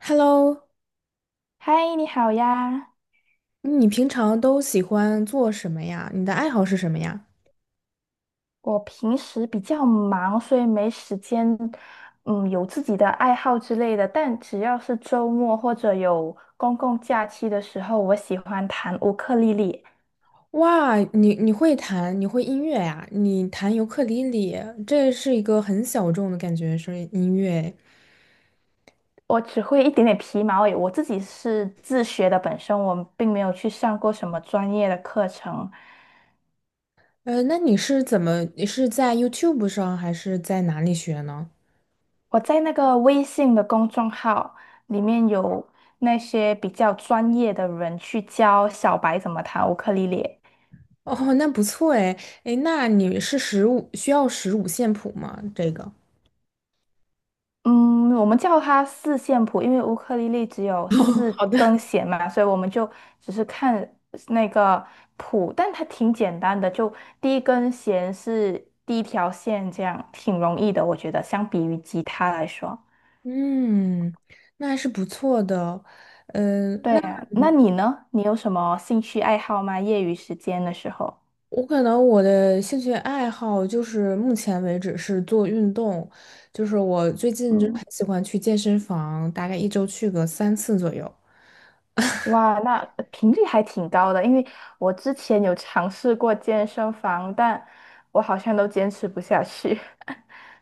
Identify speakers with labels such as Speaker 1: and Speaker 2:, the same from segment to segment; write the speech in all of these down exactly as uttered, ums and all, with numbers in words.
Speaker 1: Hello，
Speaker 2: 嗨，你好呀！
Speaker 1: 嗯你平常都喜欢做什么呀？你的爱好是什么呀？
Speaker 2: 我平时比较忙，所以没时间，嗯，有自己的爱好之类的。但只要是周末或者有公共假期的时候，我喜欢弹乌克丽丽。
Speaker 1: 哇，你你会弹，你会音乐呀？你弹尤克里里，这是一个很小众的感觉，是音乐。
Speaker 2: 我只会一点点皮毛而已，我自己是自学的，本身我并没有去上过什么专业的课程。
Speaker 1: 呃，那你是怎么？你是在 YouTube 上还是在哪里学呢？
Speaker 2: 我在那个微信的公众号里面有那些比较专业的人去教小白怎么弹乌克丽丽。
Speaker 1: 哦，那不错哎，哎，那你是十五，需要十五线谱吗？这个。
Speaker 2: 嗯，我们叫它四线谱，因为乌克丽丽只有
Speaker 1: 哦，
Speaker 2: 四
Speaker 1: 好的。
Speaker 2: 根弦嘛，所以我们就只是看那个谱，但它挺简单的，就第一根弦是第一条线，这样挺容易的，我觉得相比于吉他来说。
Speaker 1: 嗯，那还是不错的。嗯、
Speaker 2: 对
Speaker 1: 那。
Speaker 2: 啊，那你呢？你有什么兴趣爱好吗？业余时间的时候？
Speaker 1: 我可能我的兴趣爱好就是目前为止是做运动，就是我最近就很
Speaker 2: 嗯，
Speaker 1: 喜欢去健身房，大概一周去个三次左右。
Speaker 2: 哇，那频率还挺高的，因为我之前有尝试过健身房，但我好像都坚持不下去。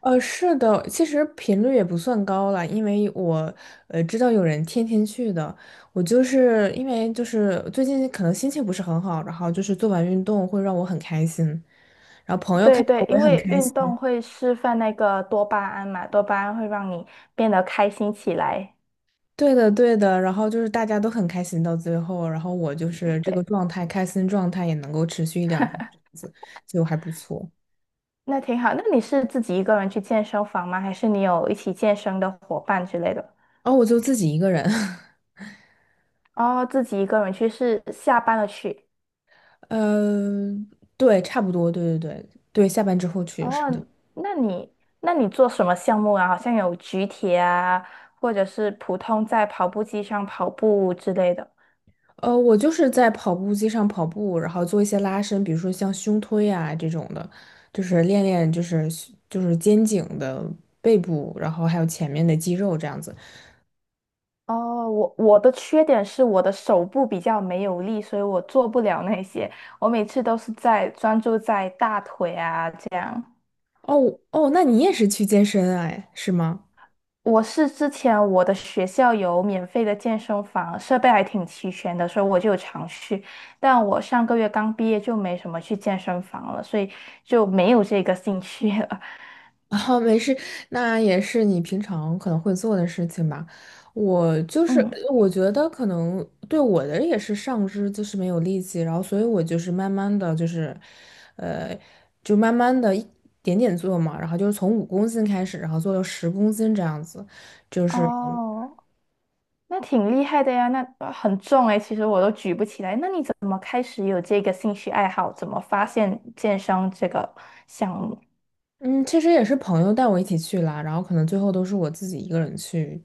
Speaker 1: 呃，是的，其实频率也不算高了，因为我呃知道有人天天去的，我就是因为就是最近可能心情不是很好，然后就是做完运动会让我很开心，
Speaker 2: 对对，
Speaker 1: 我
Speaker 2: 因
Speaker 1: 也很
Speaker 2: 为
Speaker 1: 开
Speaker 2: 运
Speaker 1: 心。
Speaker 2: 动会释放那个多巴胺嘛，多巴胺会让你变得开心起来。
Speaker 1: 对的，对的，然后就是大家都很开心到最后，然后我就是这个
Speaker 2: 对，
Speaker 1: 状态，开心状态也能够持续一两天这样子，就还不错。
Speaker 2: 那挺好。那你是自己一个人去健身房吗？还是你有一起健身的伙伴之类的？
Speaker 1: 哦，我就自己一个人，
Speaker 2: 哦，自己一个人去是下班了去。
Speaker 1: 呃，对，差不多，对对对对，下班之后去是
Speaker 2: 哦，
Speaker 1: 的。
Speaker 2: 那你那你做什么项目啊？好像有举铁啊，或者是普通在跑步机上跑步之类的。
Speaker 1: 呃，我就是在跑步机上跑步，然后做一些拉伸，比如说像胸推啊这种的，就是练练就是就是肩颈的背部，然后还有前面的肌肉这样子。
Speaker 2: 哦，我我的缺点是我的手部比较没有力，所以我做不了那些。我每次都是在专注在大腿啊这样。
Speaker 1: 哦哦，那你也是去健身啊哎，是吗？
Speaker 2: 我是之前我的学校有免费的健身房，设备还挺齐全的，所以我就有常去。但我上个月刚毕业就没什么去健身房了，所以就没有这个兴趣了。
Speaker 1: 啊，没事，那也是你平常可能会做的事情吧。我就 是，
Speaker 2: 嗯，
Speaker 1: 我觉得可能对我的也是上肢就是没有力气，然后所以我就是慢慢的就是，呃，就慢慢的一点点做嘛，然后就是从五公斤开始，然后做到十公斤这样子，就是。
Speaker 2: 哦。那挺厉害的呀，那呃很重诶，其实我都举不起来。那你怎么开始有这个兴趣爱好？怎么发现健身这个项目？
Speaker 1: 嗯，其实也是朋友带我一起去啦，然后可能最后都是我自己一个人去，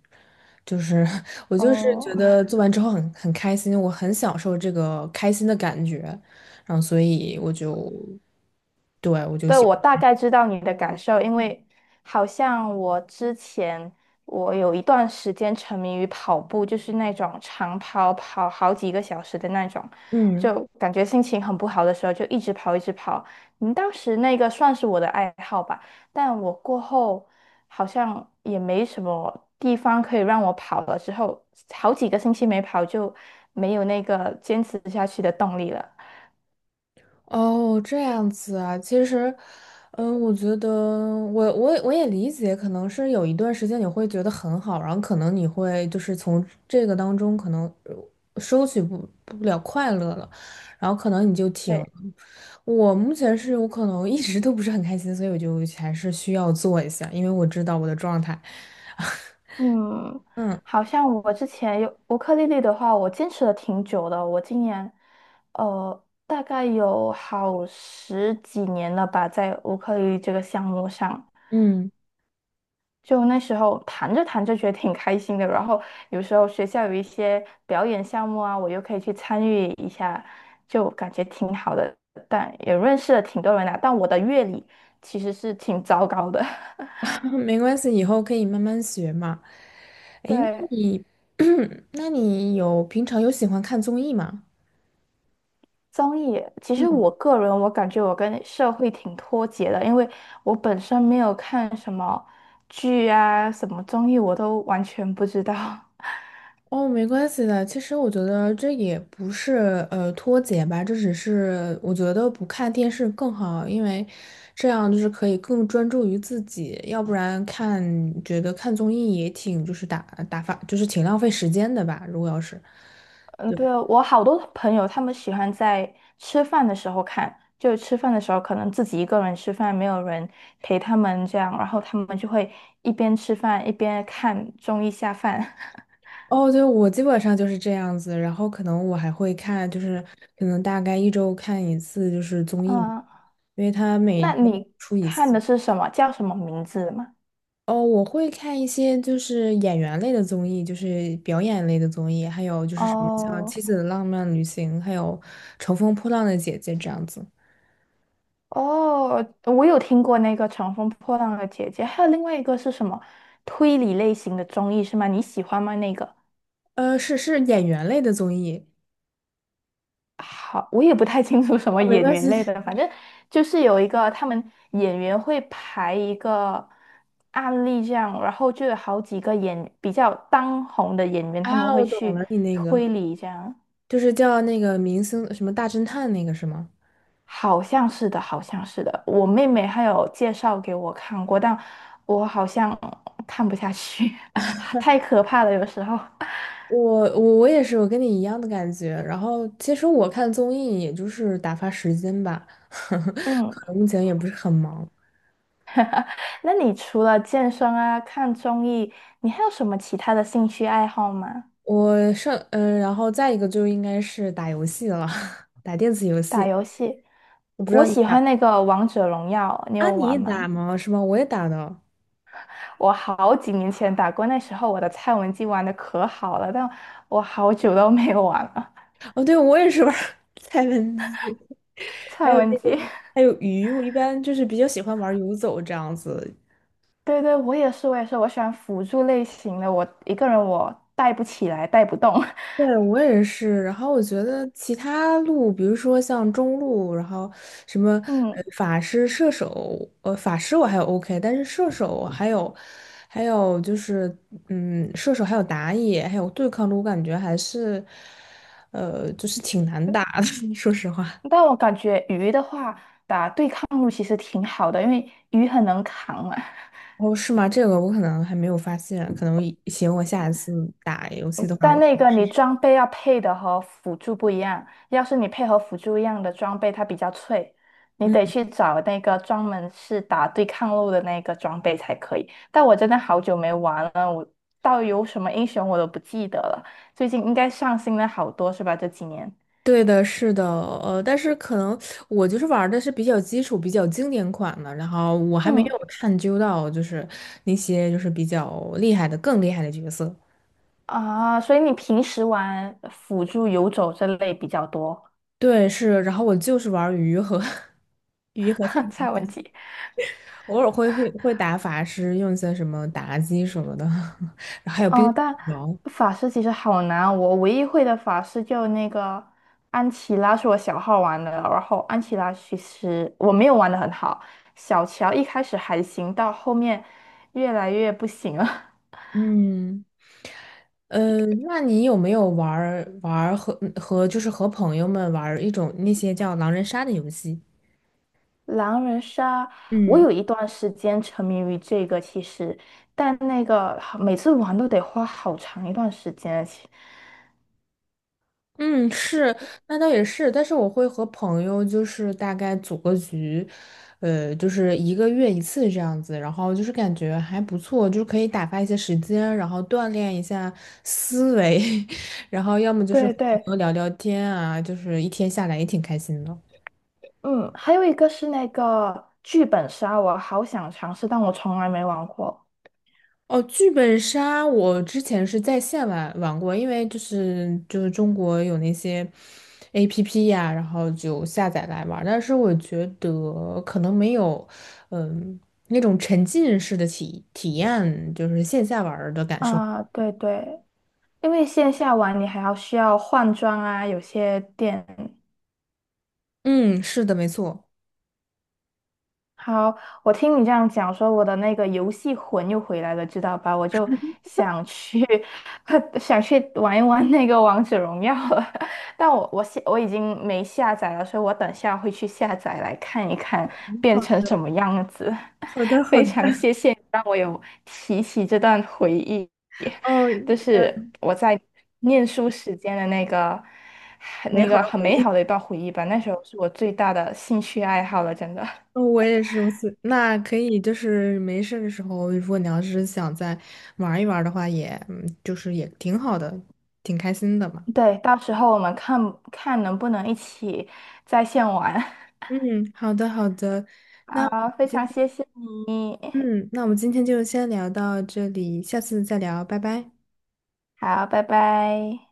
Speaker 1: 就是 我就是觉
Speaker 2: 哦，
Speaker 1: 得做完之后很很开心，我很享受这个开心的感觉，然后所以我就，对，我就
Speaker 2: 对，
Speaker 1: 喜
Speaker 2: 我大
Speaker 1: 欢。
Speaker 2: 概知道你的感受，因为好像我之前我有一段时间沉迷于跑步，就是那种长跑，跑好几个小时的那种，
Speaker 1: 嗯。
Speaker 2: 就感觉心情很不好的时候就一直跑，一直跑。嗯，当时那个算是我的爱好吧，但我过后好像也没什么地方可以让我跑了，之后好几个星期没跑就没有那个坚持下去的动力了。
Speaker 1: 哦，这样子啊，其实，嗯，我觉得我我我也理解，可能是有一段时间你会觉得很好，然后可能你会就是从这个当中可能呃收取不不了快乐了，然后可能你就挺，
Speaker 2: 对。
Speaker 1: 我目前是我可能一直都不是很开心，所以我就还是需要做一下，因为我知道我的状态。
Speaker 2: 嗯，
Speaker 1: 嗯
Speaker 2: 好像我之前有乌克丽丽的话，我坚持了挺久的。我今年，呃，大概有好十几年了吧，在乌克丽丽这个项目上。
Speaker 1: 嗯，
Speaker 2: 就那时候弹着弹着觉得挺开心的，然后有时候学校有一些表演项目啊，我又可以去参与一下，就感觉挺好的。但也认识了挺多人的，但我的乐理其实是挺糟糕的。
Speaker 1: 没关系，以后可以慢慢学嘛。诶，那
Speaker 2: 对，
Speaker 1: 你，那你有平常有喜欢看综艺吗？
Speaker 2: 综艺，其实我个人我感觉我跟社会挺脱节的，因为我本身没有看什么剧啊，什么综艺我都完全不知道。
Speaker 1: 哦，没关系的。其实我觉得这也不是呃脱节吧，这只是我觉得不看电视更好，因为这样就是可以更专注于自己，要不然看觉得看综艺也挺就是打打发，就是挺浪费时间的吧。如果要是。
Speaker 2: 嗯，
Speaker 1: 对。
Speaker 2: 对啊，我好多朋友他们喜欢在吃饭的时候看，就吃饭的时候可能自己一个人吃饭，没有人陪他们这样，然后他们就会一边吃饭一边看综艺下饭。
Speaker 1: 哦，对，我基本上就是这样子，然后可能我还会看，就是可能大概一周看一次，就是综艺嘛
Speaker 2: 嗯，
Speaker 1: 因为它每
Speaker 2: 那
Speaker 1: 天
Speaker 2: 你
Speaker 1: 出一
Speaker 2: 看
Speaker 1: 次。
Speaker 2: 的是什么？叫什么名字吗？
Speaker 1: 哦，我会看一些就是演员类的综艺，就是表演类的综艺，还有就是什么像
Speaker 2: 哦。
Speaker 1: 《妻子的浪漫旅行》，还有《乘风破浪的姐姐》这样子。
Speaker 2: 哦，我有听过那个《乘风破浪的姐姐》，还有另外一个是什么推理类型的综艺是吗？你喜欢吗？那个
Speaker 1: 呃，是是演员类的综艺。
Speaker 2: 好，我也不太清楚什么
Speaker 1: 哦，没
Speaker 2: 演
Speaker 1: 关系
Speaker 2: 员类的，反正就是有一个他们演员会排一个案例这样，然后就有好几个演比较当红的演员，他们
Speaker 1: 啊，
Speaker 2: 会
Speaker 1: 我懂
Speaker 2: 去
Speaker 1: 了，你那
Speaker 2: 推
Speaker 1: 个
Speaker 2: 理这样。
Speaker 1: 就是叫那个明星什么大侦探那个是吗？
Speaker 2: 好像是的，好像是的。我妹妹她有介绍给我看过，但我好像看不下去，太可怕了，有时候。
Speaker 1: 我我我也是，我跟你一样的感觉。然后其实我看综艺也就是打发时间吧，
Speaker 2: 嗯，
Speaker 1: 可能目前也不是很忙。
Speaker 2: 那你除了健身啊、看综艺，你还有什么其他的兴趣爱好吗？
Speaker 1: 我上嗯、呃然后再一个就应该是打游戏了，打电子游
Speaker 2: 打
Speaker 1: 戏。
Speaker 2: 游戏，
Speaker 1: 我不知
Speaker 2: 我
Speaker 1: 道你
Speaker 2: 喜
Speaker 1: 打
Speaker 2: 欢那个王者荣耀，你
Speaker 1: 啊，
Speaker 2: 有
Speaker 1: 你也
Speaker 2: 玩吗？
Speaker 1: 打吗？是吗？我也打的。
Speaker 2: 我好几年前打过，那时候我的蔡文姬玩的可好了，但我好久都没有玩了。
Speaker 1: 哦，对，我也是玩儿 蔡文姬，还
Speaker 2: 蔡
Speaker 1: 有
Speaker 2: 文
Speaker 1: 那
Speaker 2: 姬，
Speaker 1: 个还有鱼。我一般就是比较喜欢玩游走这样子，
Speaker 2: 对对，我也是，我也是，我喜欢辅助类型的，我一个人我带不起来，带不动。
Speaker 1: 对，我也是。然后我觉得其他路，比如说像中路，然后什么呃
Speaker 2: 嗯，
Speaker 1: 法师、射手，呃法师我还有 OK，但是射手还有还有就是嗯射手还有打野还有对抗路，我感觉还是呃就是挺难打的，说实话。
Speaker 2: 但我感觉鱼的话，打对抗路其实挺好的，因为鱼很能扛嘛。
Speaker 1: 哦，是吗？这个我可能还没有发现，可能行，我下一次打游戏的话
Speaker 2: 但
Speaker 1: 我
Speaker 2: 那个
Speaker 1: 试
Speaker 2: 你
Speaker 1: 试。
Speaker 2: 装备要配的和辅助不一样，要是你配合辅助一样的装备，它比较脆，你得
Speaker 1: 嗯。
Speaker 2: 去找那个专门是打对抗路的那个装备才可以。但我真的好久没玩了，我到底有什么英雄我都不记得了。最近应该上新了好多是吧？这几年。
Speaker 1: 对的，是的，呃，但是可能我就是玩儿的是比较基础、比较经典款的，然后我还没
Speaker 2: 嗯，
Speaker 1: 有探究到就是那些就是比较厉害的、更厉害的角色。
Speaker 2: 啊，所以你平时玩辅助游走这类比较多，
Speaker 1: 对，是，然后我就是玩儿鱼和 鱼和苍
Speaker 2: 蔡文
Speaker 1: 蝇
Speaker 2: 姬。
Speaker 1: 偶尔会会会打法师，用一些什么妲己什么的，然后还有冰
Speaker 2: 哦，
Speaker 1: 雪
Speaker 2: 但
Speaker 1: 女王。
Speaker 2: 法师其实好难啊，我唯一会的法师就那个安琪拉是我小号玩的，然后安琪拉其实我没有玩的很好，小乔一开始还行，到后面越来越不行了。
Speaker 1: 嗯，呃，那你有没有玩儿玩儿和和就是和朋友们玩儿一种那些叫狼人杀的游戏？
Speaker 2: 狼人杀，我
Speaker 1: 嗯。
Speaker 2: 有一段时间沉迷于这个，其实，但那个每次玩都得花好长一段时间。其
Speaker 1: 嗯，是，那倒也是，但是我会和朋友就是大概组个局，呃，就是一个月一次这样子，然后就是感觉还不错，就是可以打发一些时间，然后锻炼一下思维，然后要么就是
Speaker 2: 对
Speaker 1: 和
Speaker 2: 对，
Speaker 1: 朋友聊聊天啊，就是一天下来也挺开心的。
Speaker 2: 嗯，还有一个是那个剧本杀，我好想尝试，但我从来没玩过。
Speaker 1: 哦，剧本杀我之前是在线玩玩过，因为就是就是中国有那些 A P P 呀、然后就下载来玩儿但是我觉得可能没有，嗯，那种沉浸式的体体验，就是线下玩儿的感受。
Speaker 2: 啊，对对，因为线下玩你还要需要换装啊，有些店。
Speaker 1: 嗯，是的，没错。
Speaker 2: 好，我听你这样讲，说我的那个游戏魂又回来了，知道吧？我就想去，想去玩一玩那个王者荣耀了。但我我下我已经没下载了，所以我等下会去下载来看一看变成
Speaker 1: 好
Speaker 2: 什么样子。
Speaker 1: 好的，好
Speaker 2: 非
Speaker 1: 的，
Speaker 2: 常谢谢你让我有提起这段回忆，
Speaker 1: 哦，
Speaker 2: 就
Speaker 1: 呃，
Speaker 2: 是我在念书时间的那个
Speaker 1: 美
Speaker 2: 那
Speaker 1: 好
Speaker 2: 个
Speaker 1: 的
Speaker 2: 很
Speaker 1: 回
Speaker 2: 美
Speaker 1: 忆。
Speaker 2: 好的一段回忆吧。那时候是我最大的兴趣爱好了，真的。
Speaker 1: 哦我也是如此，我是那可以，就是没事的时候，如果你要是想再玩一玩的话也，嗯就是也挺好的，挺开心的嘛。
Speaker 2: 对，到时候我们看看能不能一起在线玩。
Speaker 1: 嗯，好的好的，那我们
Speaker 2: 好，非
Speaker 1: 今
Speaker 2: 常
Speaker 1: 天，
Speaker 2: 谢谢，
Speaker 1: 嗯，那我们今天就先聊到这里，下次再聊，拜拜。
Speaker 2: 好，拜拜。